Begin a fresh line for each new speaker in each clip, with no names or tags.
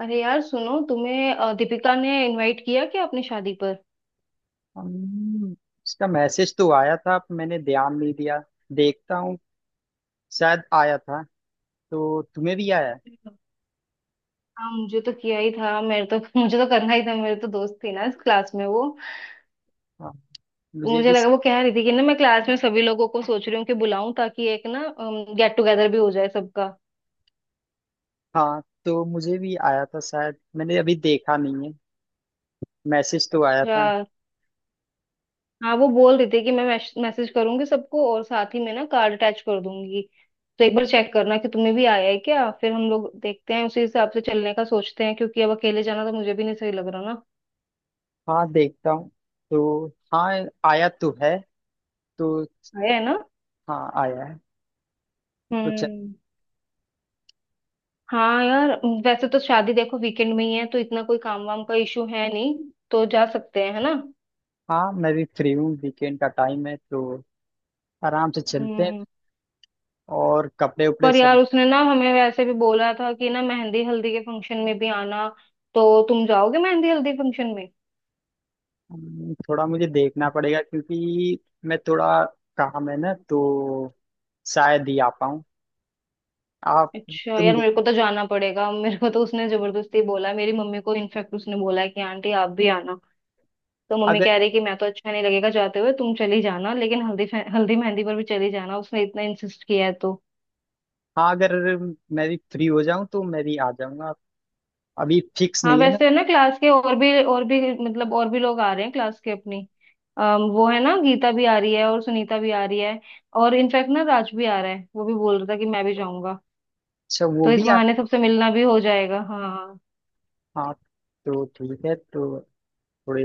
अरे यार सुनो, तुम्हें दीपिका ने इनवाइट किया क्या अपनी शादी पर।
हम्म, इसका मैसेज तो आया था पर मैंने ध्यान नहीं दिया। देखता हूँ। शायद आया था। तो तुम्हें भी आया है?
हाँ मुझे तो किया ही था, मेरे तो मुझे तो करना ही था, मेरे तो दोस्त थी ना इस क्लास में वो।
हाँ, मुझे
मुझे
भी।
लगा वो कह रही थी कि ना मैं क्लास में सभी लोगों को सोच रही हूँ कि बुलाऊं, ताकि एक ना गेट टुगेदर भी हो जाए सबका।
हाँ, तो मुझे भी आया था शायद मैंने अभी देखा नहीं है। मैसेज तो आया
अच्छा।
था।
हाँ वो बोल रही थी कि मैं मैसेज करूंगी सबको और साथ ही में ना कार्ड अटैच कर दूंगी। तो एक बार चेक करना कि तुम्हें भी आया है क्या, फिर हम लोग देखते हैं उसी हिसाब से, चलने का सोचते हैं क्योंकि अब अकेले जाना तो मुझे भी नहीं सही लग रहा ना।
हाँ, देखता हूँ। तो। हाँ, आया तो है। तो।
आया है ना।
हाँ, आया है। तो चल।
हम्म। हाँ यार, वैसे तो शादी देखो वीकेंड में ही है तो इतना कोई काम वाम का इशू है नहीं, तो जा सकते हैं है ना।
हाँ, मैं भी फ्री हूँ वीकेंड का टाइम है तो। आराम से चलते हैं।
हम्म।
और कपड़े उपड़े
पर यार
सब।
उसने ना हमें वैसे भी बोला था कि ना मेहंदी हल्दी के फंक्शन में भी आना। तो तुम जाओगे मेहंदी हल्दी फंक्शन में?
थोड़ा मुझे देखना पड़ेगा क्योंकि मैं थोड़ा काम है ना तो शायद ही आ पाऊँ। आप।
अच्छा
तुम
यार,
दे-
मेरे को तो जाना पड़ेगा, मेरे को तो उसने जबरदस्ती बोला, मेरी मम्मी को इनफेक्ट उसने बोला है कि आंटी आप भी आना। तो मम्मी
अगर।
कह रही कि मैं तो अच्छा नहीं लगेगा जाते हुए, तुम चली जाना, लेकिन हल्दी मेहंदी पर भी चली जाना, उसने इतना इंसिस्ट किया है तो।
हाँ, अगर मैं भी फ्री हो जाऊँ तो मैं भी आ जाऊँगा। अभी फिक्स
हाँ
नहीं है ना।
वैसे ना क्लास के और भी मतलब और भी लोग आ रहे हैं क्लास के अपनी। वो है ना गीता भी आ रही है और सुनीता भी आ रही है, और इनफैक्ट ना राज भी आ रहा है, वो भी बोल रहा था कि मैं भी जाऊंगा।
अच्छा, वो
तो इस
भी आ।
बहाने सबसे मिलना भी हो जाएगा। हाँ,
हाँ, तो ठीक है तो। थोड़े।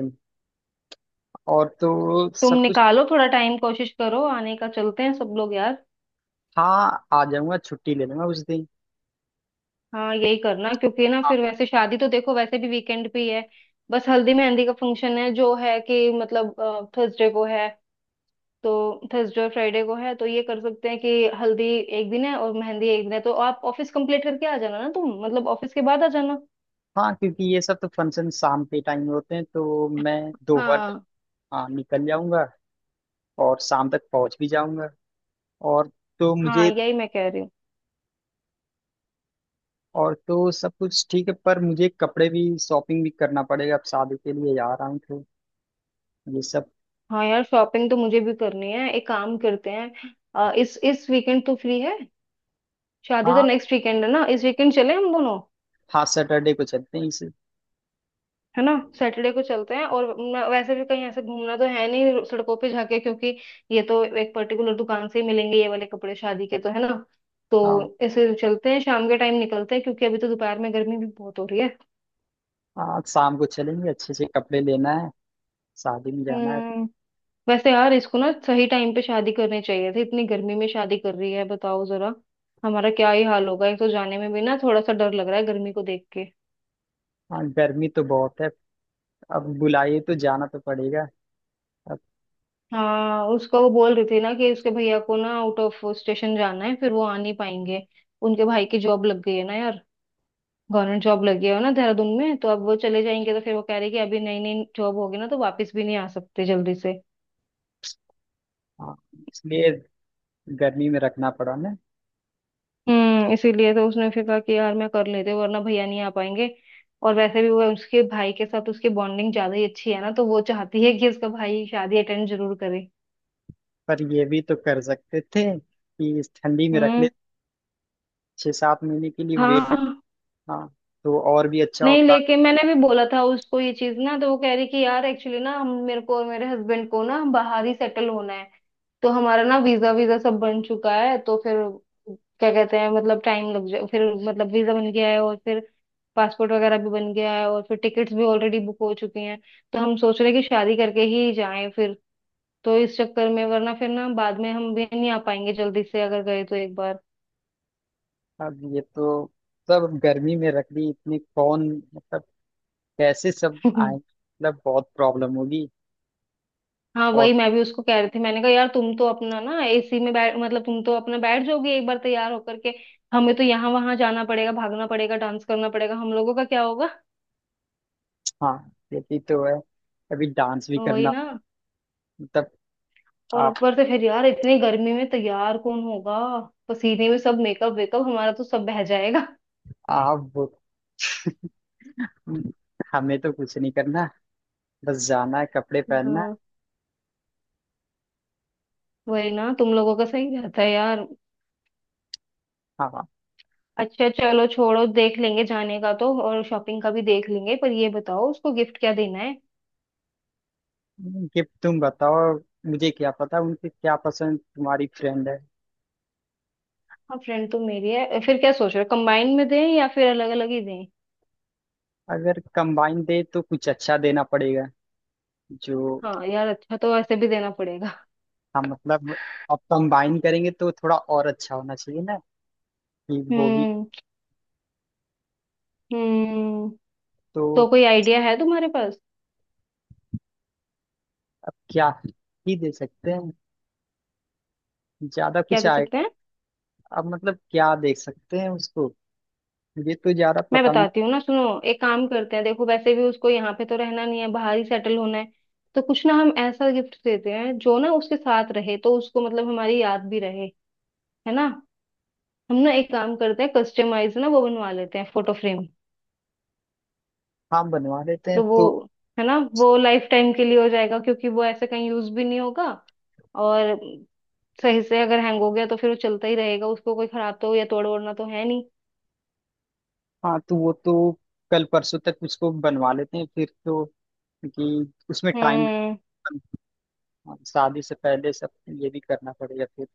और तो
तुम
सब कुछ।
निकालो थोड़ा टाइम, कोशिश करो आने का, चलते हैं सब लोग यार।
हाँ, आ जाऊँगा छुट्टी ले लूँगा उस दिन।
हाँ यही करना, क्योंकि ना
हाँ।
फिर वैसे शादी तो देखो वैसे भी वीकेंड पे ही है। बस हल्दी मेहंदी का फंक्शन है जो है कि, मतलब थर्सडे को है, तो थर्सडे और फ्राइडे को है, तो ये कर सकते हैं कि हल्दी एक दिन है और मेहंदी एक दिन है, तो आप ऑफिस कंप्लीट करके आ जाना ना तुम, मतलब ऑफिस के बाद आ जाना।
हाँ, क्योंकि ये सब तो फंक्शन शाम के टाइम होते हैं तो मैं दोपहर तक,
हाँ।
हाँ निकल जाऊँगा। और शाम तक पहुँच भी जाऊँगा। और। तो
हाँ
मुझे।
यही मैं कह रही हूँ।
और तो सब कुछ ठीक है पर मुझे कपड़े भी शॉपिंग भी करना पड़ेगा अब शादी के लिए जा रहा हूँ तो। ये सब।
हाँ यार, शॉपिंग तो मुझे भी करनी है, एक काम करते हैं, इस वीकेंड तो फ्री है, शादी तो
हाँ।
नेक्स्ट वीकेंड है ना, इस वीकेंड चले हम दोनों।
हाँ, सैटरडे को चलते हैं इसे।
है ना? सैटरडे को चलते हैं, और वैसे भी कहीं ऐसे घूमना तो है नहीं सड़कों पे जाके, क्योंकि ये तो एक पर्टिकुलर दुकान से ही मिलेंगे ये वाले कपड़े शादी के तो, है ना।
हाँ।
तो ऐसे चलते हैं, शाम के टाइम निकलते हैं, क्योंकि अभी तो दोपहर में गर्मी भी बहुत हो रही है।
हाँ, शाम को चलेंगे अच्छे से कपड़े लेना है। शादी में जाना है।
हम्म। वैसे यार इसको ना सही टाइम पे शादी करनी चाहिए थी, इतनी गर्मी में शादी कर रही है बताओ जरा। हमारा क्या ही हाल होगा, एक तो जाने में भी ना थोड़ा सा डर लग रहा है गर्मी को देख के।
हाँ, गर्मी तो बहुत है। अब बुलाइए तो जाना तो पड़ेगा। अब।
हाँ उसको, वो बोल रही थी ना कि उसके भैया को ना आउट ऑफ स्टेशन जाना है, फिर वो आ नहीं पाएंगे। उनके भाई की जॉब लग गई है ना यार, गवर्नमेंट जॉब लगी है ना देहरादून में, तो अब वो चले जाएंगे, तो फिर वो कह रही कि अभी नई नई जॉब होगी ना तो वापस भी नहीं आ सकते जल्दी से।
हाँ। इसलिए। गर्मी में रखना पड़ा ना।
इसीलिए तो उसने फिर कहा कि यार मैं कर लेते, वरना भैया नहीं आ पाएंगे। और वैसे भी वो उसके भाई के साथ उसकी बॉन्डिंग ज्यादा ही अच्छी है ना, तो वो चाहती है कि उसका भाई शादी अटेंड जरूर करे।
पर ये भी तो कर सकते थे कि इस ठंडी में रख ले।
हम्म।
6-7 महीने के लिए वेट।
हाँ।
हाँ। तो और भी अच्छा
नहीं
होता।
लेकिन मैंने भी बोला था उसको ये चीज ना, तो वो कह रही कि यार एक्चुअली ना हम, मेरे को और मेरे हस्बैंड को ना बाहर ही सेटल होना है। तो हमारा ना वीजा वीजा सब बन चुका है, तो फिर क्या कहते हैं, मतलब टाइम लग जाए फिर। मतलब वीजा बन गया है, और फिर पासपोर्ट वगैरह भी बन गया है, और फिर टिकट्स भी ऑलरेडी बुक हो चुकी हैं। तो हम सोच रहे हैं कि शादी करके ही जाएं फिर, तो इस चक्कर में, वरना फिर ना बाद में हम भी नहीं आ पाएंगे जल्दी से अगर गए तो एक बार।
अब ये तो। सब गर्मी में रख दी इतनी कौन। मतलब। कैसे सब आए मतलब बहुत प्रॉब्लम होगी।
हाँ
और।
वही मैं भी उसको कह रही थी, मैंने कहा यार तुम तो अपना ना एसी में बैठ, मतलब तुम तो अपना बैठ जाओगी एक बार तैयार होकर के, हमें तो यहाँ वहां जाना पड़ेगा, भागना पड़ेगा, डांस करना पड़ेगा, हम लोगों का क्या होगा।
हाँ, ये भी तो है। अभी डांस भी
वही
करना।
ना।
मतलब।
और
आप।
ऊपर से फिर यार इतनी गर्मी में तैयार कौन होगा, पसीने में सब मेकअप वेकअप हमारा तो सब बह जाएगा।
आप वो- हमें तो कुछ नहीं करना। बस जाना है कपड़े पहनना है।
हाँ। वही ना, तुम लोगों का सही रहता है यार।
हाँ।
अच्छा चलो छोड़ो, देख लेंगे जाने का तो, और शॉपिंग का भी देख लेंगे, पर ये बताओ उसको गिफ्ट क्या देना।
कि तुम बताओ। मुझे क्या पता उनके क्या पसंद तुम्हारी फ्रेंड है।
हाँ फ्रेंड तो मेरी है, फिर क्या सोच रहे हो, कंबाइन में दें या फिर अलग अलग ही दें।
अगर कंबाइन दे तो कुछ अच्छा देना पड़ेगा। जो।
हाँ यार, अच्छा तो वैसे भी देना पड़ेगा।
हम मतलब। अब कंबाइन करेंगे तो थोड़ा और अच्छा होना चाहिए ना। कि वो भी।
हम्म। हम्म।
तो।
तो कोई आइडिया है तुम्हारे पास?
अब क्या। ही दे सकते हैं। ज्यादा
क्या
कुछ
दे
आए।
सकते हैं।
अब मतलब क्या दे सकते हैं उसको। ये तो ज्यादा
मैं
पता नहीं।
बताती हूँ ना सुनो, एक काम करते हैं, देखो वैसे भी उसको यहाँ पे तो रहना नहीं है, बाहर ही सेटल होना है। तो कुछ ना हम ऐसा गिफ्ट देते हैं जो ना उसके साथ रहे, तो उसको मतलब हमारी याद भी रहे। है ना? हम ना एक काम करते हैं, कस्टमाइज ना वो बनवा लेते हैं, फोटो फ्रेम।
हाँ, बनवा लेते हैं
तो वो,
तो।
है ना वो लाइफ टाइम के लिए हो जाएगा, क्योंकि वो ऐसे कहीं यूज भी नहीं होगा। और सही से अगर हैंग हो गया तो फिर वो चलता ही रहेगा, उसको कोई खराब तो या तोड़ ओड़ना तो है नहीं।
हाँ, तो वो तो। कल परसों तक उसको बनवा लेते हैं फिर तो क्योंकि उसमें टाइम
हम्म।
लगता है। हाँ, शादी से पहले सब। ये भी करना पड़ेगा फिर।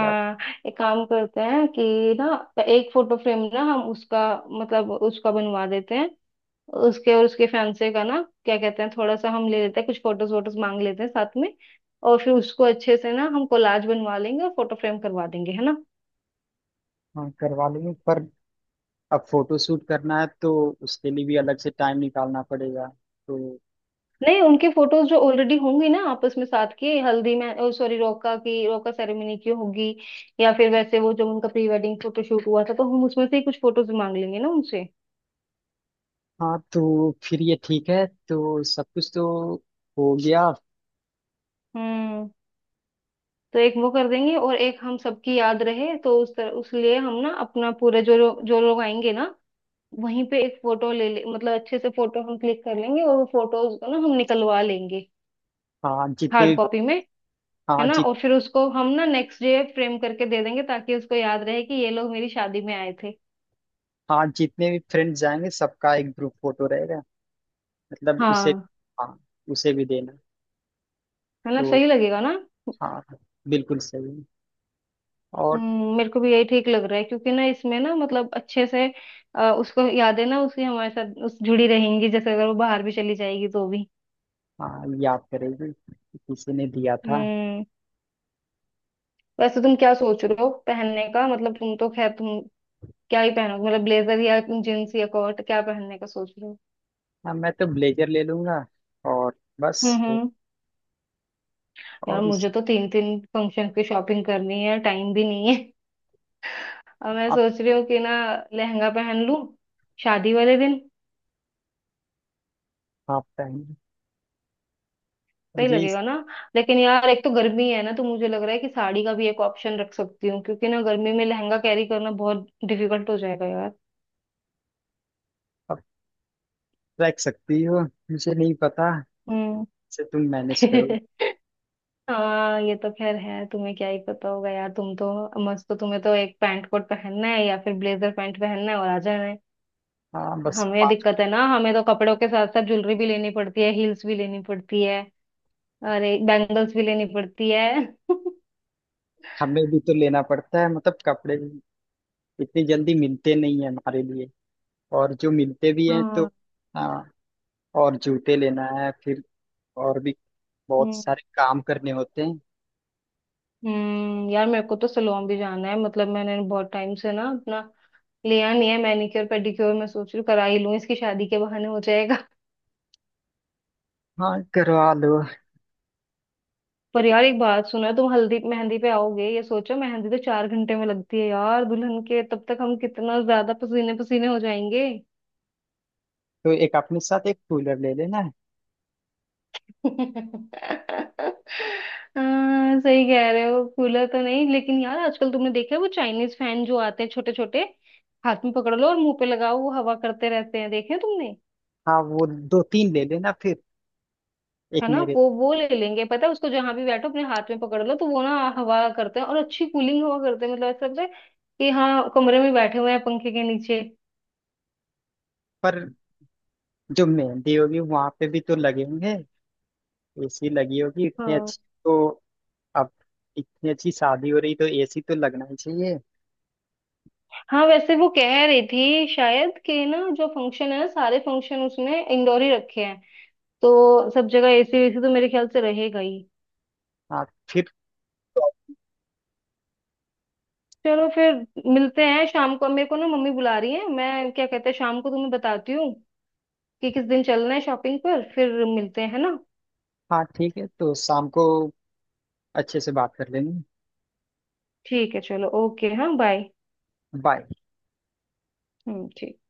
या।
एक काम करते हैं कि ना एक फोटो फ्रेम ना हम उसका, मतलब उसका बनवा देते हैं, उसके और उसके फैंसे का ना, क्या कहते हैं, थोड़ा सा हम ले लेते हैं कुछ फोटोज वोटोज मांग लेते हैं साथ में, और फिर उसको अच्छे से ना हम कोलाज बनवा लेंगे और फोटो फ्रेम करवा देंगे, है ना।
हाँ, करवा लेंगे पर। अब फोटो शूट करना है तो। उसके लिए भी अलग से टाइम निकालना पड़ेगा। तो।
नहीं उनके फोटोज जो ऑलरेडी होंगी ना आपस में साथ के, हल्दी में, सॉरी रोका की, रोका सेरेमनी की होगी, या फिर वैसे वो जो उनका प्री वेडिंग फोटोशूट हुआ था, तो हम उसमें से ही कुछ फोटोज मांग लेंगे ना उनसे।
हाँ, तो फिर ये ठीक है तो सब कुछ तो। हो गया।
हम्म। तो एक वो कर देंगे, और एक हम सबकी याद रहे तो, उस तरह उस लिए हम ना अपना पूरे, जो लोग आएंगे ना वहीं पे एक फोटो ले ले, मतलब अच्छे से फोटो हम क्लिक कर लेंगे, और वो फोटोज को ना हम निकलवा लेंगे
हाँ जितने
हार्ड कॉपी में,
हाँ
है ना।
जित
और फिर उसको हम ना नेक्स्ट डे फ्रेम करके दे देंगे, ताकि उसको याद रहे कि ये लोग मेरी शादी में आए थे।
हाँ, जितने भी फ्रेंड्स जाएंगे सबका एक ग्रुप फोटो रहेगा। मतलब उसे।
हाँ
हाँ। उसे भी देना।
मतलब
तो।
सही लगेगा ना।
हाँ। बिल्कुल सही। और।
मेरे को भी यही ठीक लग रहा है, क्योंकि ना इसमें ना मतलब अच्छे से उसको यादें ना, उसकी हमारे साथ उस जुड़ी रहेंगी जैसे, अगर वो बाहर भी चली जाएगी तो भी।
हाँ, याद करेगी कि किसी ने दिया था।
हम्म। वैसे तुम क्या सोच रहे हो पहनने का, मतलब तुम तो खैर तुम क्या ही पहनोगे, मतलब ब्लेजर या जींस या कोट, क्या पहनने का सोच रहे हो।
हाँ, मैं तो ब्लेजर ले लूंगा। और। बस।
हम्म। यार
और इस।
मुझे तो तीन तीन फंक्शन की शॉपिंग करनी है, टाइम भी नहीं है। और मैं
आप।
सोच रही हूँ कि ना लहंगा पहन लूं शादी वाले दिन,
आप पहन।
सही
मुझे इस।
लगेगा ना। लेकिन यार एक तो गर्मी है ना, तो मुझे लग रहा है कि साड़ी का भी एक ऑप्शन रख सकती हूँ, क्योंकि ना गर्मी में लहंगा कैरी करना बहुत डिफिकल्ट हो जाएगा यार।
आप रख सकती हो। मुझे नहीं पता।
हम्म।
से तुम मैनेज करो।
हाँ ये तो खैर है, तुम्हें क्या ही पता होगा यार, तुम तो मस्त हो, तुम्हें तो एक पैंट कोट पहनना है या फिर ब्लेजर पैंट पहनना है और आ जाना है।
हाँ, बस
हमें
पाँच।
दिक्कत है ना, हमें तो कपड़ों के साथ साथ ज्वेलरी भी लेनी पड़ती है, हील्स भी लेनी पड़ती है, अरे बैंगल्स भी लेनी पड़ती है।
हमें भी तो लेना पड़ता है मतलब कपड़े भी। इतनी जल्दी मिलते नहीं है हमारे लिए। और जो मिलते भी हैं तो।
हाँ।
हाँ। और जूते लेना है फिर। और भी। बहुत
हम्म।
सारे काम करने होते हैं।
यार मेरे को तो सलोन भी जाना है, मतलब मैंने बहुत टाइम से ना अपना लिया नहीं है मैनिक्योर पेडिक्योर, मैं सोच रही हूँ करा ही लूँ, इसकी शादी के बहाने हो जाएगा।
हाँ, करवा लो।
पर यार एक बात सुना, तुम हल्दी मेहंदी पे आओगे, ये सोचो मेहंदी तो चार घंटे में लगती है यार दुल्हन के, तब तक हम कितना ज्यादा पसीने पसीने हो जाएंगे।
तो एक अपने साथ एक कूलर ले लेना है।
हाँ सही कह रहे हो, कूलर तो नहीं, लेकिन यार आजकल तुमने देखा है वो चाइनीज फैन जो आते हैं छोटे छोटे, हाथ में पकड़ लो और मुंह पे लगाओ, वो हवा करते रहते हैं, देखे हैं तुमने।
हाँ, वो दो तीन ले लेना फिर। एक
है ना,
मेरे।
वो ले लेंगे, पता है उसको जहां भी बैठो अपने हाथ में पकड़ लो तो वो ना हवा करते हैं और अच्छी कूलिंग हवा करते हैं, मतलब ऐसा लगता है कि हाँ कमरे में बैठे हुए हैं पंखे के नीचे।
पर जो मेहंदी होगी वहां पे भी तो लगे होंगे। एसी लगी होगी इतनी
हाँ।
अच्छी। तो। अब। इतनी अच्छी शादी हो रही तो एसी तो लगना ही चाहिए।
हाँ वैसे वो कह रही थी शायद कि ना जो फंक्शन है ना सारे फंक्शन उसने इंडोर ही रखे हैं, तो सब जगह एसी वेसी तो मेरे ख्याल से रहेगा ही।
हाँ। फिर। तो।
चलो फिर मिलते हैं शाम को, मेरे को ना मम्मी बुला रही है, मैं क्या कहते हैं शाम को तुम्हें बताती हूँ कि किस दिन चलना है शॉपिंग पर, फिर मिलते हैं, है ना।
हाँ, ठीक है तो शाम को। अच्छे से बात कर लेंगे।
ठीक है चलो, ओके, हाँ बाय।
बाय।
ठीक।